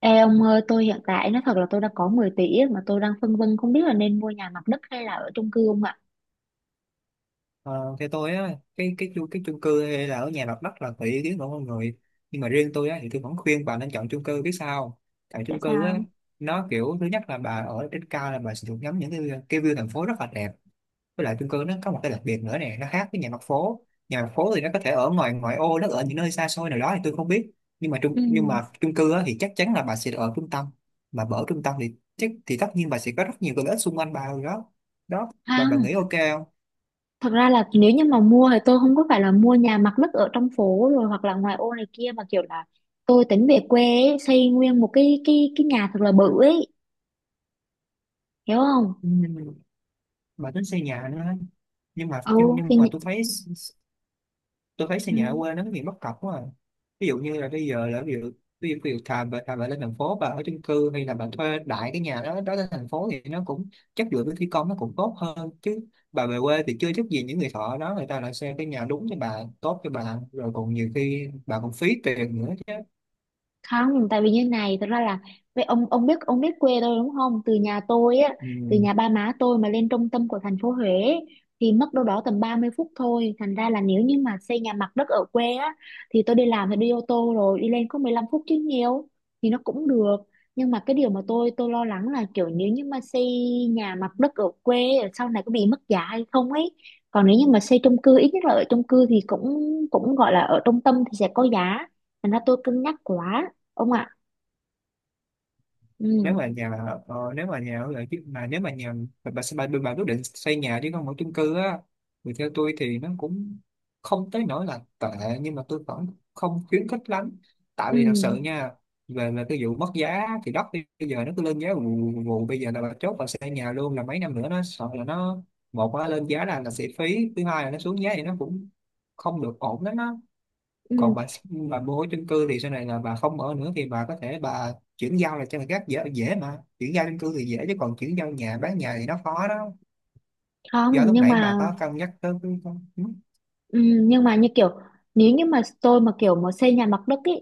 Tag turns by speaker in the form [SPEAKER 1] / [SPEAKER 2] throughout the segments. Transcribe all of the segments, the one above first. [SPEAKER 1] Ê ông ơi, tôi hiện tại nói thật là tôi đã có 10 tỷ á, mà tôi đang phân vân không biết là nên mua nhà mặt đất hay là ở chung cư không ạ?
[SPEAKER 2] Ờ, theo tôi á cái chung cư hay là ở nhà mặt đất là tùy ý kiến của mọi người, nhưng mà riêng tôi á thì tôi vẫn khuyên bà nên chọn chung cư, biết sao không? Tại
[SPEAKER 1] Tại
[SPEAKER 2] chung cư á,
[SPEAKER 1] sao?
[SPEAKER 2] nó kiểu thứ nhất là bà ở trên cao là bà sẽ được ngắm những cái view thành phố rất là đẹp. Với lại chung cư nó có một cái đặc biệt nữa nè, nó khác với nhà mặt phố. Nhà mặt phố thì nó có thể ở ngoài ngoại ô, nó ở những nơi xa xôi nào đó thì tôi không biết, nhưng mà
[SPEAKER 1] Ừ,
[SPEAKER 2] chung cư á thì chắc chắn là bà sẽ ở trung tâm. Mà bà ở trung tâm thì chắc thì tất nhiên bà sẽ có rất nhiều cái lợi ích xung quanh bà rồi đó. Đó, bà
[SPEAKER 1] không,
[SPEAKER 2] nghĩ OK không?
[SPEAKER 1] thật ra là nếu như mà mua thì tôi không có phải là mua nhà mặt đất ở trong phố rồi hoặc là ngoài ô này kia, mà kiểu là tôi tính về quê ấy, xây nguyên một cái nhà thật là bự ấy, hiểu không?
[SPEAKER 2] Ừ. Mà tính xây nhà nữa ấy. nhưng mà nhưng,
[SPEAKER 1] Ừ,
[SPEAKER 2] nhưng mà tôi thấy xây nhà ở
[SPEAKER 1] thì...
[SPEAKER 2] quê nó có nhiều bất cập quá à. Ví dụ như là bây giờ là ví dụ thà bà lên thành phố bà ở chung cư hay là bà thuê đại cái nhà đó đó lên thành phố thì nó cũng chất lượng, với thi công nó cũng tốt hơn chứ. Bà về quê thì chưa chắc gì những người thợ đó người ta lại xây cái nhà đúng cho bà, tốt cho bà, rồi còn nhiều khi bà còn phí tiền nữa chứ.
[SPEAKER 1] Không, tại vì như này, thật ra là vậy, ông biết quê tôi đúng không? Từ nhà tôi á, từ
[SPEAKER 2] Ừ.
[SPEAKER 1] nhà ba má tôi mà lên trung tâm của thành phố Huế thì mất đâu đó tầm 30 phút thôi, thành ra là nếu như mà xây nhà mặt đất ở quê á thì tôi đi làm thì đi ô tô rồi đi lên có 15 phút chứ nhiều, thì nó cũng được. Nhưng mà cái điều mà tôi lo lắng là kiểu nếu như mà xây nhà mặt đất ở quê sau này có bị mất giá hay không ấy, còn nếu như mà xây chung cư, ít nhất là ở chung cư thì cũng cũng gọi là ở trung tâm thì sẽ có giá. Thành ra tôi cân nhắc quá, ông ạ.
[SPEAKER 2] nếu mà
[SPEAKER 1] Ừ.
[SPEAKER 2] nhà nếu mà nhà ở lại chứ mà Nếu mà nhà bà quyết định xây nhà chứ không ở chung cư á thì theo tôi thì nó cũng không tới nỗi là tệ, nhưng mà tôi vẫn không khuyến khích lắm. Tại
[SPEAKER 1] Ừ.
[SPEAKER 2] vì thật sự nha, về về cái vụ mất giá thì đất bây giờ nó cứ lên giá vù vù vù. Bây giờ là bà chốt bà xây nhà luôn là mấy năm nữa nó sợ là nó, một là lên giá là sẽ phí, thứ hai là nó xuống giá thì nó cũng không được ổn lắm á.
[SPEAKER 1] Ừ.
[SPEAKER 2] Còn bà bố chung cư thì sau này là bà không ở nữa thì bà có thể bà chuyển giao là cho người khác, dễ dễ mà chuyển giao chung cư thì dễ, chứ còn chuyển giao nhà, bán nhà thì nó khó đó.
[SPEAKER 1] Không,
[SPEAKER 2] Do lúc
[SPEAKER 1] nhưng
[SPEAKER 2] nãy bà
[SPEAKER 1] mà.
[SPEAKER 2] có cân nhắc tới cái con. Ừ.
[SPEAKER 1] Ừ, nhưng mà như kiểu nếu như mà tôi mà kiểu mà xây nhà mặt đất ý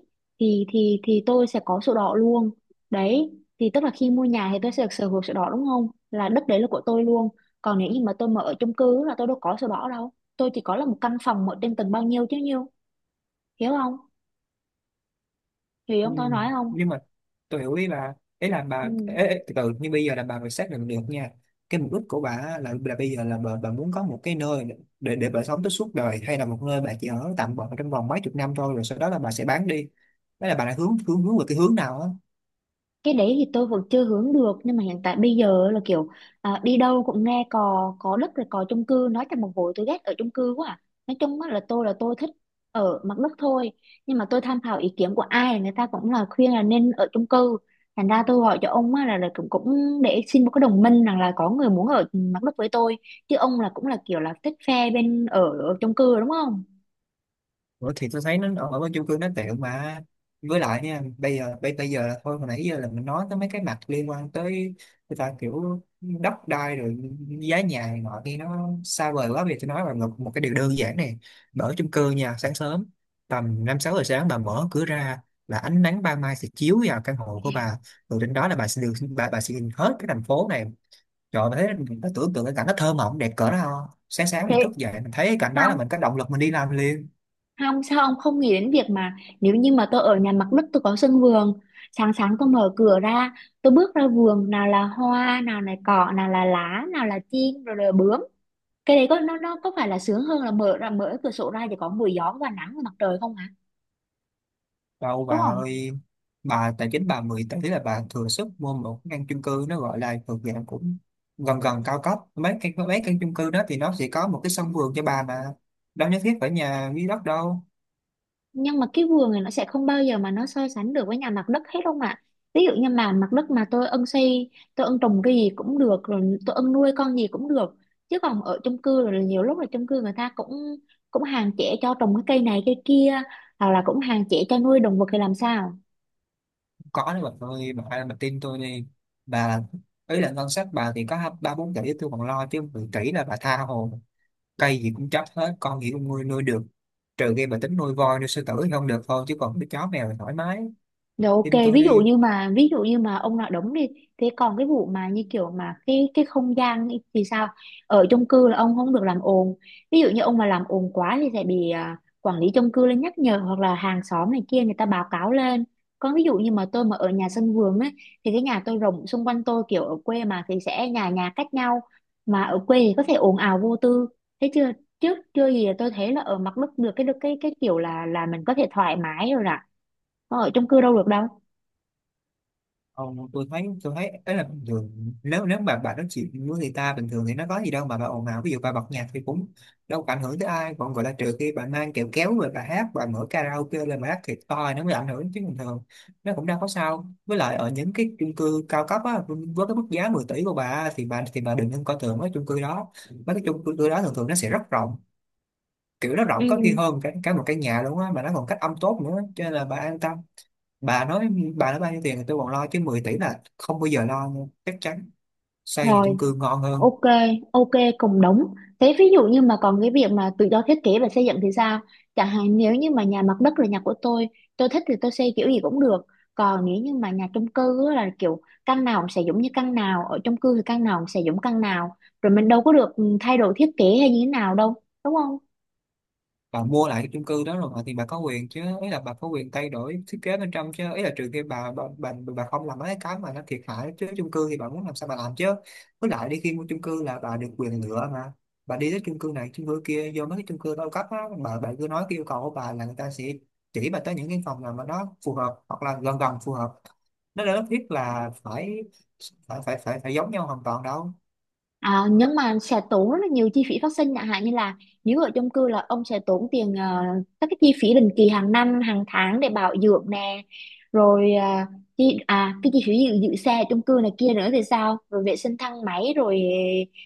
[SPEAKER 1] thì tôi sẽ có sổ đỏ luôn, đấy. Thì tức là khi mua nhà thì tôi sẽ được sở hữu sổ đỏ đúng không, là đất đấy là của tôi luôn. Còn nếu như mà tôi mà ở chung cư là tôi đâu có sổ đỏ đâu, tôi chỉ có là một căn phòng ở trên tầng bao nhiêu chứ nhiêu. Hiểu không? Hiểu
[SPEAKER 2] Ừ.
[SPEAKER 1] không, tôi nói không?
[SPEAKER 2] Nhưng mà tôi hiểu, ý là
[SPEAKER 1] Ừ.
[SPEAKER 2] bà, ê, từ từ, nhưng bây giờ là bà phải xác định được nha cái mục đích của bà á là bây giờ là bà muốn có một cái nơi để bà sống tới suốt đời hay là một nơi bà chỉ ở tạm bợ trong vòng mấy chục năm thôi rồi sau đó là bà sẽ bán đi. Đó là bà đã hướng hướng hướng về cái hướng nào á.
[SPEAKER 1] Cái đấy thì tôi vẫn chưa hướng được, nhưng mà hiện tại bây giờ là kiểu, à, đi đâu cũng nghe cò có đất rồi cò chung cư, nói trong một hồi tôi ghét ở chung cư quá à. Nói chung á là tôi thích ở mặt đất thôi, nhưng mà tôi tham khảo ý kiến của ai người ta cũng là khuyên là nên ở chung cư. Thành ra tôi gọi cho ông á là cũng để xin một cái đồng minh rằng là có người muốn ở mặt đất với tôi, chứ ông là cũng là kiểu là thích phe bên ở chung cư đúng không?
[SPEAKER 2] Ủa thì tôi thấy nó ở bên chung cư nó tiện mà. Với lại nha, bây giờ là thôi, hồi nãy giờ là mình nói tới mấy cái mặt liên quan tới người ta kiểu đất đai rồi giá nhà này nọ thì nó xa vời quá, vì tôi nói là một cái điều đơn giản này. Bà ở chung cư nha, sáng sớm tầm năm sáu giờ sáng bà mở cửa ra là ánh nắng ban mai sẽ chiếu vào căn hộ của bà, rồi trên đó là bà sẽ nhìn hết cái thành phố này. Trời ơi, thấy mình nó tưởng tượng cái cảnh nó thơ mộng đẹp cỡ nào, sáng sáng
[SPEAKER 1] Thế.
[SPEAKER 2] mình thức dậy mình thấy cái cảnh đó là
[SPEAKER 1] Không.
[SPEAKER 2] mình có động lực mình đi làm liền.
[SPEAKER 1] Không, sao ông không nghĩ đến việc mà nếu như mà tôi ở nhà mặt đất tôi có sân vườn, sáng sáng tôi mở cửa ra, tôi bước ra vườn nào là hoa, nào là cỏ, nào là lá, nào là chim rồi là bướm, cái đấy có nó có phải là sướng hơn là mở ra, mở cửa sổ ra chỉ có mùi gió và nắng và mặt trời không hả?
[SPEAKER 2] Đâu bà
[SPEAKER 1] Đúng không?
[SPEAKER 2] ơi, bà tài chính bà 10 tỷ là bà thừa sức mua một căn chung cư nó gọi là thuộc dạng cũng gần gần cao cấp. Mấy căn chung cư đó thì nó sẽ có một cái sân vườn cho bà mà. Đâu nhất thiết phải nhà dưới đất đâu.
[SPEAKER 1] Nhưng mà cái vườn này nó sẽ không bao giờ mà nó so sánh được với nhà mặt đất hết không ạ. Ví dụ như mà mặt đất mà tôi ưng xây tôi ưng trồng cái gì cũng được, rồi tôi ưng nuôi con gì cũng được. Chứ còn ở chung cư rồi là nhiều lúc là chung cư người ta cũng cũng hạn chế cho trồng cái cây này cây kia, hoặc là cũng hạn chế cho nuôi động vật thì làm sao?
[SPEAKER 2] Không có đấy bà ơi, bà tin tôi đi. Bà, ý là ngân sách bà thì có ba bốn tỷ tôi còn lo, chứ 10 tỷ là bà tha hồ. Cây gì cũng trách hết, con gì cũng nuôi nuôi được. Trừ khi bà tính nuôi voi, nuôi sư tử thì không được thôi, chứ còn cái chó mèo thì thoải mái.
[SPEAKER 1] Rồi, ok,
[SPEAKER 2] Tin tôi
[SPEAKER 1] ví dụ
[SPEAKER 2] đi.
[SPEAKER 1] như mà ví dụ như mà ông nói đúng đi, thế còn cái vụ mà như kiểu mà cái không gian ấy thì sao? Ở chung cư là ông không được làm ồn. Ví dụ như ông mà làm ồn quá thì sẽ bị, quản lý chung cư lên nhắc nhở, hoặc là hàng xóm này kia người ta báo cáo lên. Còn ví dụ như mà tôi mà ở nhà sân vườn ấy thì cái nhà tôi rộng, xung quanh tôi kiểu ở quê mà thì sẽ nhà nhà cách nhau, mà ở quê thì có thể ồn ào vô tư. Thế chưa, trước chưa gì là tôi thấy là ở mặt đất được cái kiểu là mình có thể thoải mái rồi nè, họ ở chung cư đâu được đâu.
[SPEAKER 2] Ờ, tôi thấy ấy là bình thường, nếu nếu mà bà nói chuyện với người ta bình thường thì nó có gì đâu mà bà ồn ào, ví dụ bà bật nhạc thì cũng đâu có ảnh hưởng tới ai, còn gọi là trừ khi bà mang kẹo kéo rồi bà hát, bà mở karaoke lên bà hát thiệt to thì nó mới ảnh hưởng, chứ bình thường nó cũng đâu có sao. Với lại ở những cái chung cư cao cấp á, với cái mức giá 10 tỷ của bà thì bà đừng nên coi thường mấy chung cư đó. Mấy cái chung cư đó thường thường nó sẽ rất rộng, kiểu nó
[SPEAKER 1] Ừ.
[SPEAKER 2] rộng có khi hơn cả một căn nhà luôn á, mà nó còn cách âm tốt nữa, cho nên là bà an tâm. Bà nói bà nói bao nhiêu tiền thì tôi còn lo chứ 10 tỷ là không bao giờ lo nha, chắc chắn xây nhà
[SPEAKER 1] Rồi,
[SPEAKER 2] chung cư ngon hơn.
[SPEAKER 1] ok, ok, cùng đúng. Thế ví dụ như mà còn cái việc mà tự do thiết kế và xây dựng thì sao? Chẳng hạn nếu như mà nhà mặt đất là nhà của tôi thích thì tôi xây kiểu gì cũng được. Còn nếu như mà nhà chung cư á là kiểu căn nào cũng sẽ giống như căn nào, ở chung cư thì căn nào cũng sẽ giống căn nào, rồi mình đâu có được thay đổi thiết kế hay như thế nào đâu, đúng không?
[SPEAKER 2] Bà mua lại cái chung cư đó rồi mà thì bà có quyền chứ, ý là bà có quyền thay đổi thiết kế bên trong chứ, ý là trừ khi bà không làm mấy cái mà nó thiệt hại, chứ chung cư thì bà muốn làm sao bà làm chứ. Với lại đi khi mua chung cư là bà được quyền lựa mà, bà đi tới chung cư này chung cư kia, vô mấy cái chung cư cao cấp á, bà cứ nói cái yêu cầu của bà là người ta sẽ chỉ bà tới những cái phòng nào mà nó phù hợp hoặc là gần gần phù hợp, nó đâu nhất thiết là phải phải phải phải phải giống nhau hoàn toàn đâu.
[SPEAKER 1] À, nhưng mà sẽ tốn rất là nhiều chi phí phát sinh, chẳng hạn như là nếu ở chung cư là ông sẽ tốn tiền, các cái chi phí định kỳ hàng năm hàng tháng để bảo dưỡng nè, rồi chi, à cái chi phí giữ xe ở chung cư này kia nữa thì sao, rồi vệ sinh thang máy, rồi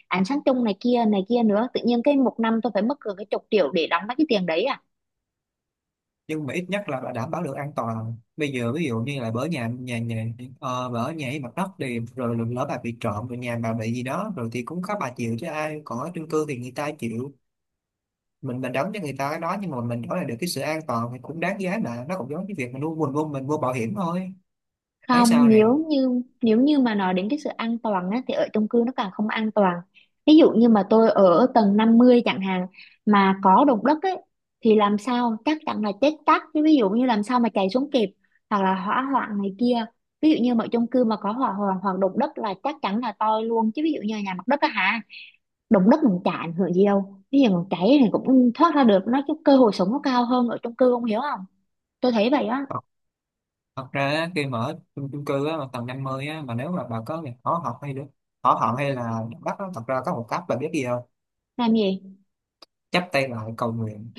[SPEAKER 1] ánh sáng chung này kia nữa, tự nhiên cái một năm tôi phải mất gần cái chục triệu để đóng mấy cái tiền đấy.
[SPEAKER 2] Nhưng mà ít nhất là đảm bảo được an toàn. Bây giờ ví dụ như là bỡ nhà nhà nhà ờ, bà ở nhà ấy mặt đất thì rồi lỡ bà bị trộm rồi nhà bà bị gì đó rồi thì cũng có bà chịu chứ ai, còn ở chung cư thì người ta chịu. Mình đóng cho người ta cái đó, nhưng mà mình nói là được cái sự an toàn thì cũng đáng giá mà, nó cũng giống như việc mình mua bảo hiểm thôi. Thấy
[SPEAKER 1] Không,
[SPEAKER 2] sao nè?
[SPEAKER 1] nếu như mà nói đến cái sự an toàn á, thì ở chung cư nó càng không an toàn. Ví dụ như mà tôi ở tầng 50 chẳng hạn, mà có động đất ấy thì làm sao, chắc chắn là chết tắt. Chứ ví dụ như làm sao mà chạy xuống kịp, hoặc là hỏa hoạn này kia. Ví dụ như mà chung cư mà có hỏa hoạn hoặc động đất là chắc chắn là toi luôn, chứ ví dụ như nhà mặt đất á hả, động đất mình chả ảnh hưởng gì đâu. Ví dụ mình cháy thì cũng thoát ra được, nó cái cơ hội sống nó cao hơn ở chung cư, không hiểu không? Tôi thấy vậy á.
[SPEAKER 2] Thật, thật ra á, khi mà ở chung cư á, mà tầng 50 á, mà nếu mà bà có việc hỏ học hay là bắt á, thật ra có một cách bà biết gì không?
[SPEAKER 1] Làm gì?
[SPEAKER 2] Chắp tay lại cầu nguyện.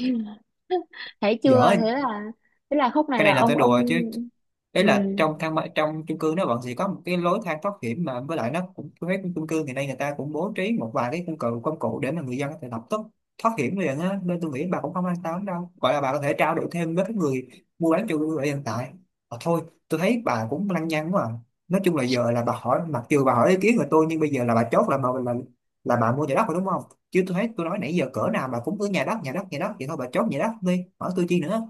[SPEAKER 1] Thấy
[SPEAKER 2] Dở.
[SPEAKER 1] chưa, thế là khúc này
[SPEAKER 2] Cái
[SPEAKER 1] là
[SPEAKER 2] này là tôi
[SPEAKER 1] ông
[SPEAKER 2] đùa chứ,
[SPEAKER 1] ông
[SPEAKER 2] đấy
[SPEAKER 1] Ừ.
[SPEAKER 2] là trong chung cư nó vẫn sẽ có một cái lối thang thoát hiểm mà, với lại nó cũng, với cái chung cư thì nay người ta cũng bố trí một vài cái công cụ để mà người dân có thể lập tức thoát hiểm liền á, nên tôi nghĩ bà cũng không an tâm đâu, gọi là bà có thể trao đổi thêm với cái người mua bán chung cư ở hiện tại. Thôi, tôi thấy bà cũng lăng nhăng quá à. Nói chung là giờ là bà hỏi, mặc dù bà hỏi ý kiến của tôi nhưng bây giờ là bà chốt là bà mua nhà đất rồi đúng không? Chứ tôi thấy tôi nói nãy giờ cỡ nào bà cũng cứ nhà đất, nhà đất, nhà đất vậy thôi, bà chốt nhà đất đi hỏi tôi chi nữa.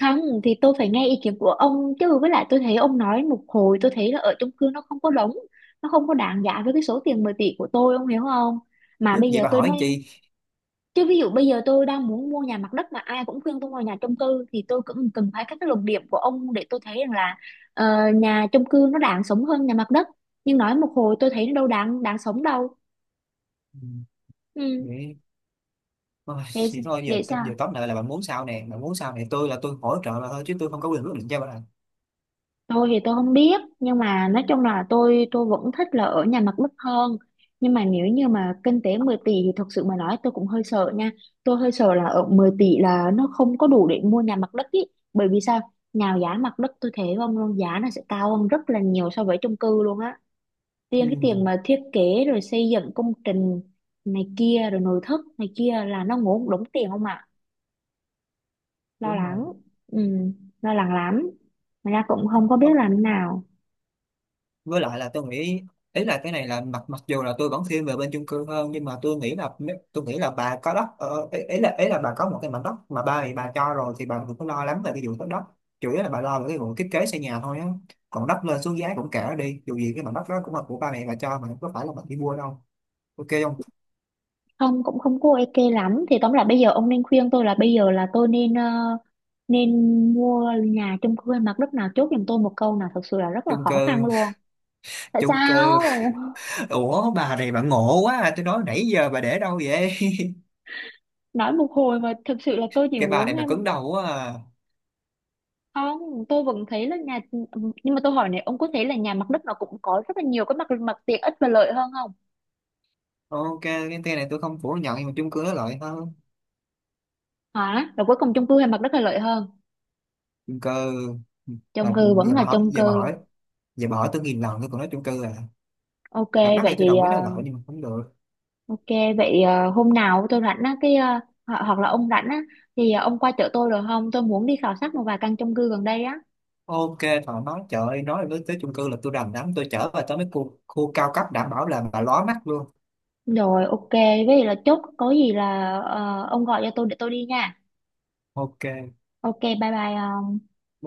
[SPEAKER 1] Không, thì tôi phải nghe ý kiến của ông chứ, với lại tôi thấy ông nói một hồi tôi thấy là ở chung cư nó không có đúng, nó không có đáng giá với cái số tiền 10 tỷ của tôi, ông hiểu không? Mà bây
[SPEAKER 2] Vậy
[SPEAKER 1] giờ
[SPEAKER 2] bà
[SPEAKER 1] tôi
[SPEAKER 2] hỏi
[SPEAKER 1] nói,
[SPEAKER 2] anh chị.
[SPEAKER 1] chứ ví dụ bây giờ tôi đang muốn mua nhà mặt đất mà ai cũng khuyên tôi mua nhà chung cư, thì tôi cũng cần phải các cái luận điểm của ông để tôi thấy rằng là, ờ, nhà chung cư nó đáng sống hơn nhà mặt đất, nhưng nói một hồi tôi thấy nó đâu đáng đáng sống đâu.
[SPEAKER 2] Ừ.
[SPEAKER 1] Ừ.
[SPEAKER 2] Vậy. Ôi,
[SPEAKER 1] Vậy.
[SPEAKER 2] thì thôi giờ
[SPEAKER 1] Vậy sao?
[SPEAKER 2] giờ tóm lại là bạn muốn sao nè, bạn muốn sao nè, tôi là tôi hỗ trợ là thôi chứ tôi không có quyền quyết định cho bạn.
[SPEAKER 1] Tôi thì tôi không biết, nhưng mà nói chung là tôi vẫn thích là ở nhà mặt đất hơn, nhưng mà nếu như mà kinh tế 10 tỷ thì thật sự mà nói tôi cũng hơi sợ nha, tôi hơi sợ là ở 10 tỷ là nó không có đủ để mua nhà mặt đất ý. Bởi vì sao, nào giá mặt đất tôi thấy không luôn, giá nó sẽ cao hơn rất là nhiều so với chung cư luôn á, riêng
[SPEAKER 2] Ừ,
[SPEAKER 1] cái tiền mà thiết kế rồi xây dựng công trình này kia rồi nội thất này kia là nó ngốn đống tiền không ạ. Lo
[SPEAKER 2] đúng rồi.
[SPEAKER 1] lắng. Ừ, lo lắng lắm mà ra cũng không có biết
[SPEAKER 2] Ờ,
[SPEAKER 1] làm thế nào.
[SPEAKER 2] với lại là tôi nghĩ, ý là cái này là mặc mặc dù là tôi vẫn thiên về bên chung cư hơn, nhưng mà tôi nghĩ là bà có đất, ý là bà có một cái mảnh đất mà ba thì bà cho rồi thì bà đừng có lo lắm về cái vụ đất đất, chủ yếu là bà lo về cái vụ thiết kế xây nhà thôi á. Còn đất lên xuống giá cũng kệ nó đi, dù gì cái mảnh đất đó cũng là của ba mẹ bà cho mà không có phải là bà đi mua đâu, OK không?
[SPEAKER 1] Không cũng không có ok lắm, thì tóm lại bây giờ ông nên khuyên tôi là bây giờ là tôi nên, ờ, nên mua nhà chung cư hay mặt đất, nào chốt giùm tôi một câu nào, thật sự là rất là
[SPEAKER 2] Chung
[SPEAKER 1] khó khăn
[SPEAKER 2] cư
[SPEAKER 1] luôn. Tại
[SPEAKER 2] chung cư.
[SPEAKER 1] sao?
[SPEAKER 2] Ủa bà này bà ngộ quá à, tôi nói nãy giờ bà để đâu vậy?
[SPEAKER 1] Nói một hồi mà thực sự là tôi chỉ
[SPEAKER 2] Cái bà
[SPEAKER 1] muốn
[SPEAKER 2] này bà
[SPEAKER 1] em.
[SPEAKER 2] cứng đầu quá à.
[SPEAKER 1] Không, tôi vẫn thấy là nhà. Nhưng mà tôi hỏi này, ông có thấy là nhà mặt đất nó cũng có rất là nhiều cái mặt mặt tiện ích và lợi hơn không?
[SPEAKER 2] OK cái tên này tôi không phủ nhận, nhưng mà chung cư nó lợi hơn.
[SPEAKER 1] Hả, rồi cuối cùng chung cư hay mặt đất là lợi hơn?
[SPEAKER 2] Chung cư. Bà,
[SPEAKER 1] Chung cư vẫn
[SPEAKER 2] giờ
[SPEAKER 1] là
[SPEAKER 2] bà hỏi
[SPEAKER 1] chung
[SPEAKER 2] Giờ bà
[SPEAKER 1] cư.
[SPEAKER 2] hỏi Giờ bà hỏi tôi nghìn lần tôi còn nói chung cư à.
[SPEAKER 1] Ok.
[SPEAKER 2] Mặt đất
[SPEAKER 1] Vậy
[SPEAKER 2] thì tôi
[SPEAKER 1] thì,
[SPEAKER 2] đồng
[SPEAKER 1] ờ,
[SPEAKER 2] ý nó lợi, nhưng mà không được.
[SPEAKER 1] ok, vậy, ờ, hôm nào tôi rảnh á, hoặc là ông rảnh á, thì ông qua chợ tôi được không? Tôi muốn đi khảo sát một vài căn chung cư gần đây á.
[SPEAKER 2] OK, thoải mái, trời ơi, nói đến tới chung cư là tôi đành lắm. Tôi chở bà tới mấy khu cao cấp đảm bảo là bà lóa mắt luôn.
[SPEAKER 1] Rồi, ok, vậy là chốt có gì là, ờ, ông gọi cho tôi để tôi đi nha.
[SPEAKER 2] OK.
[SPEAKER 1] Ok, bye bye. Ờ.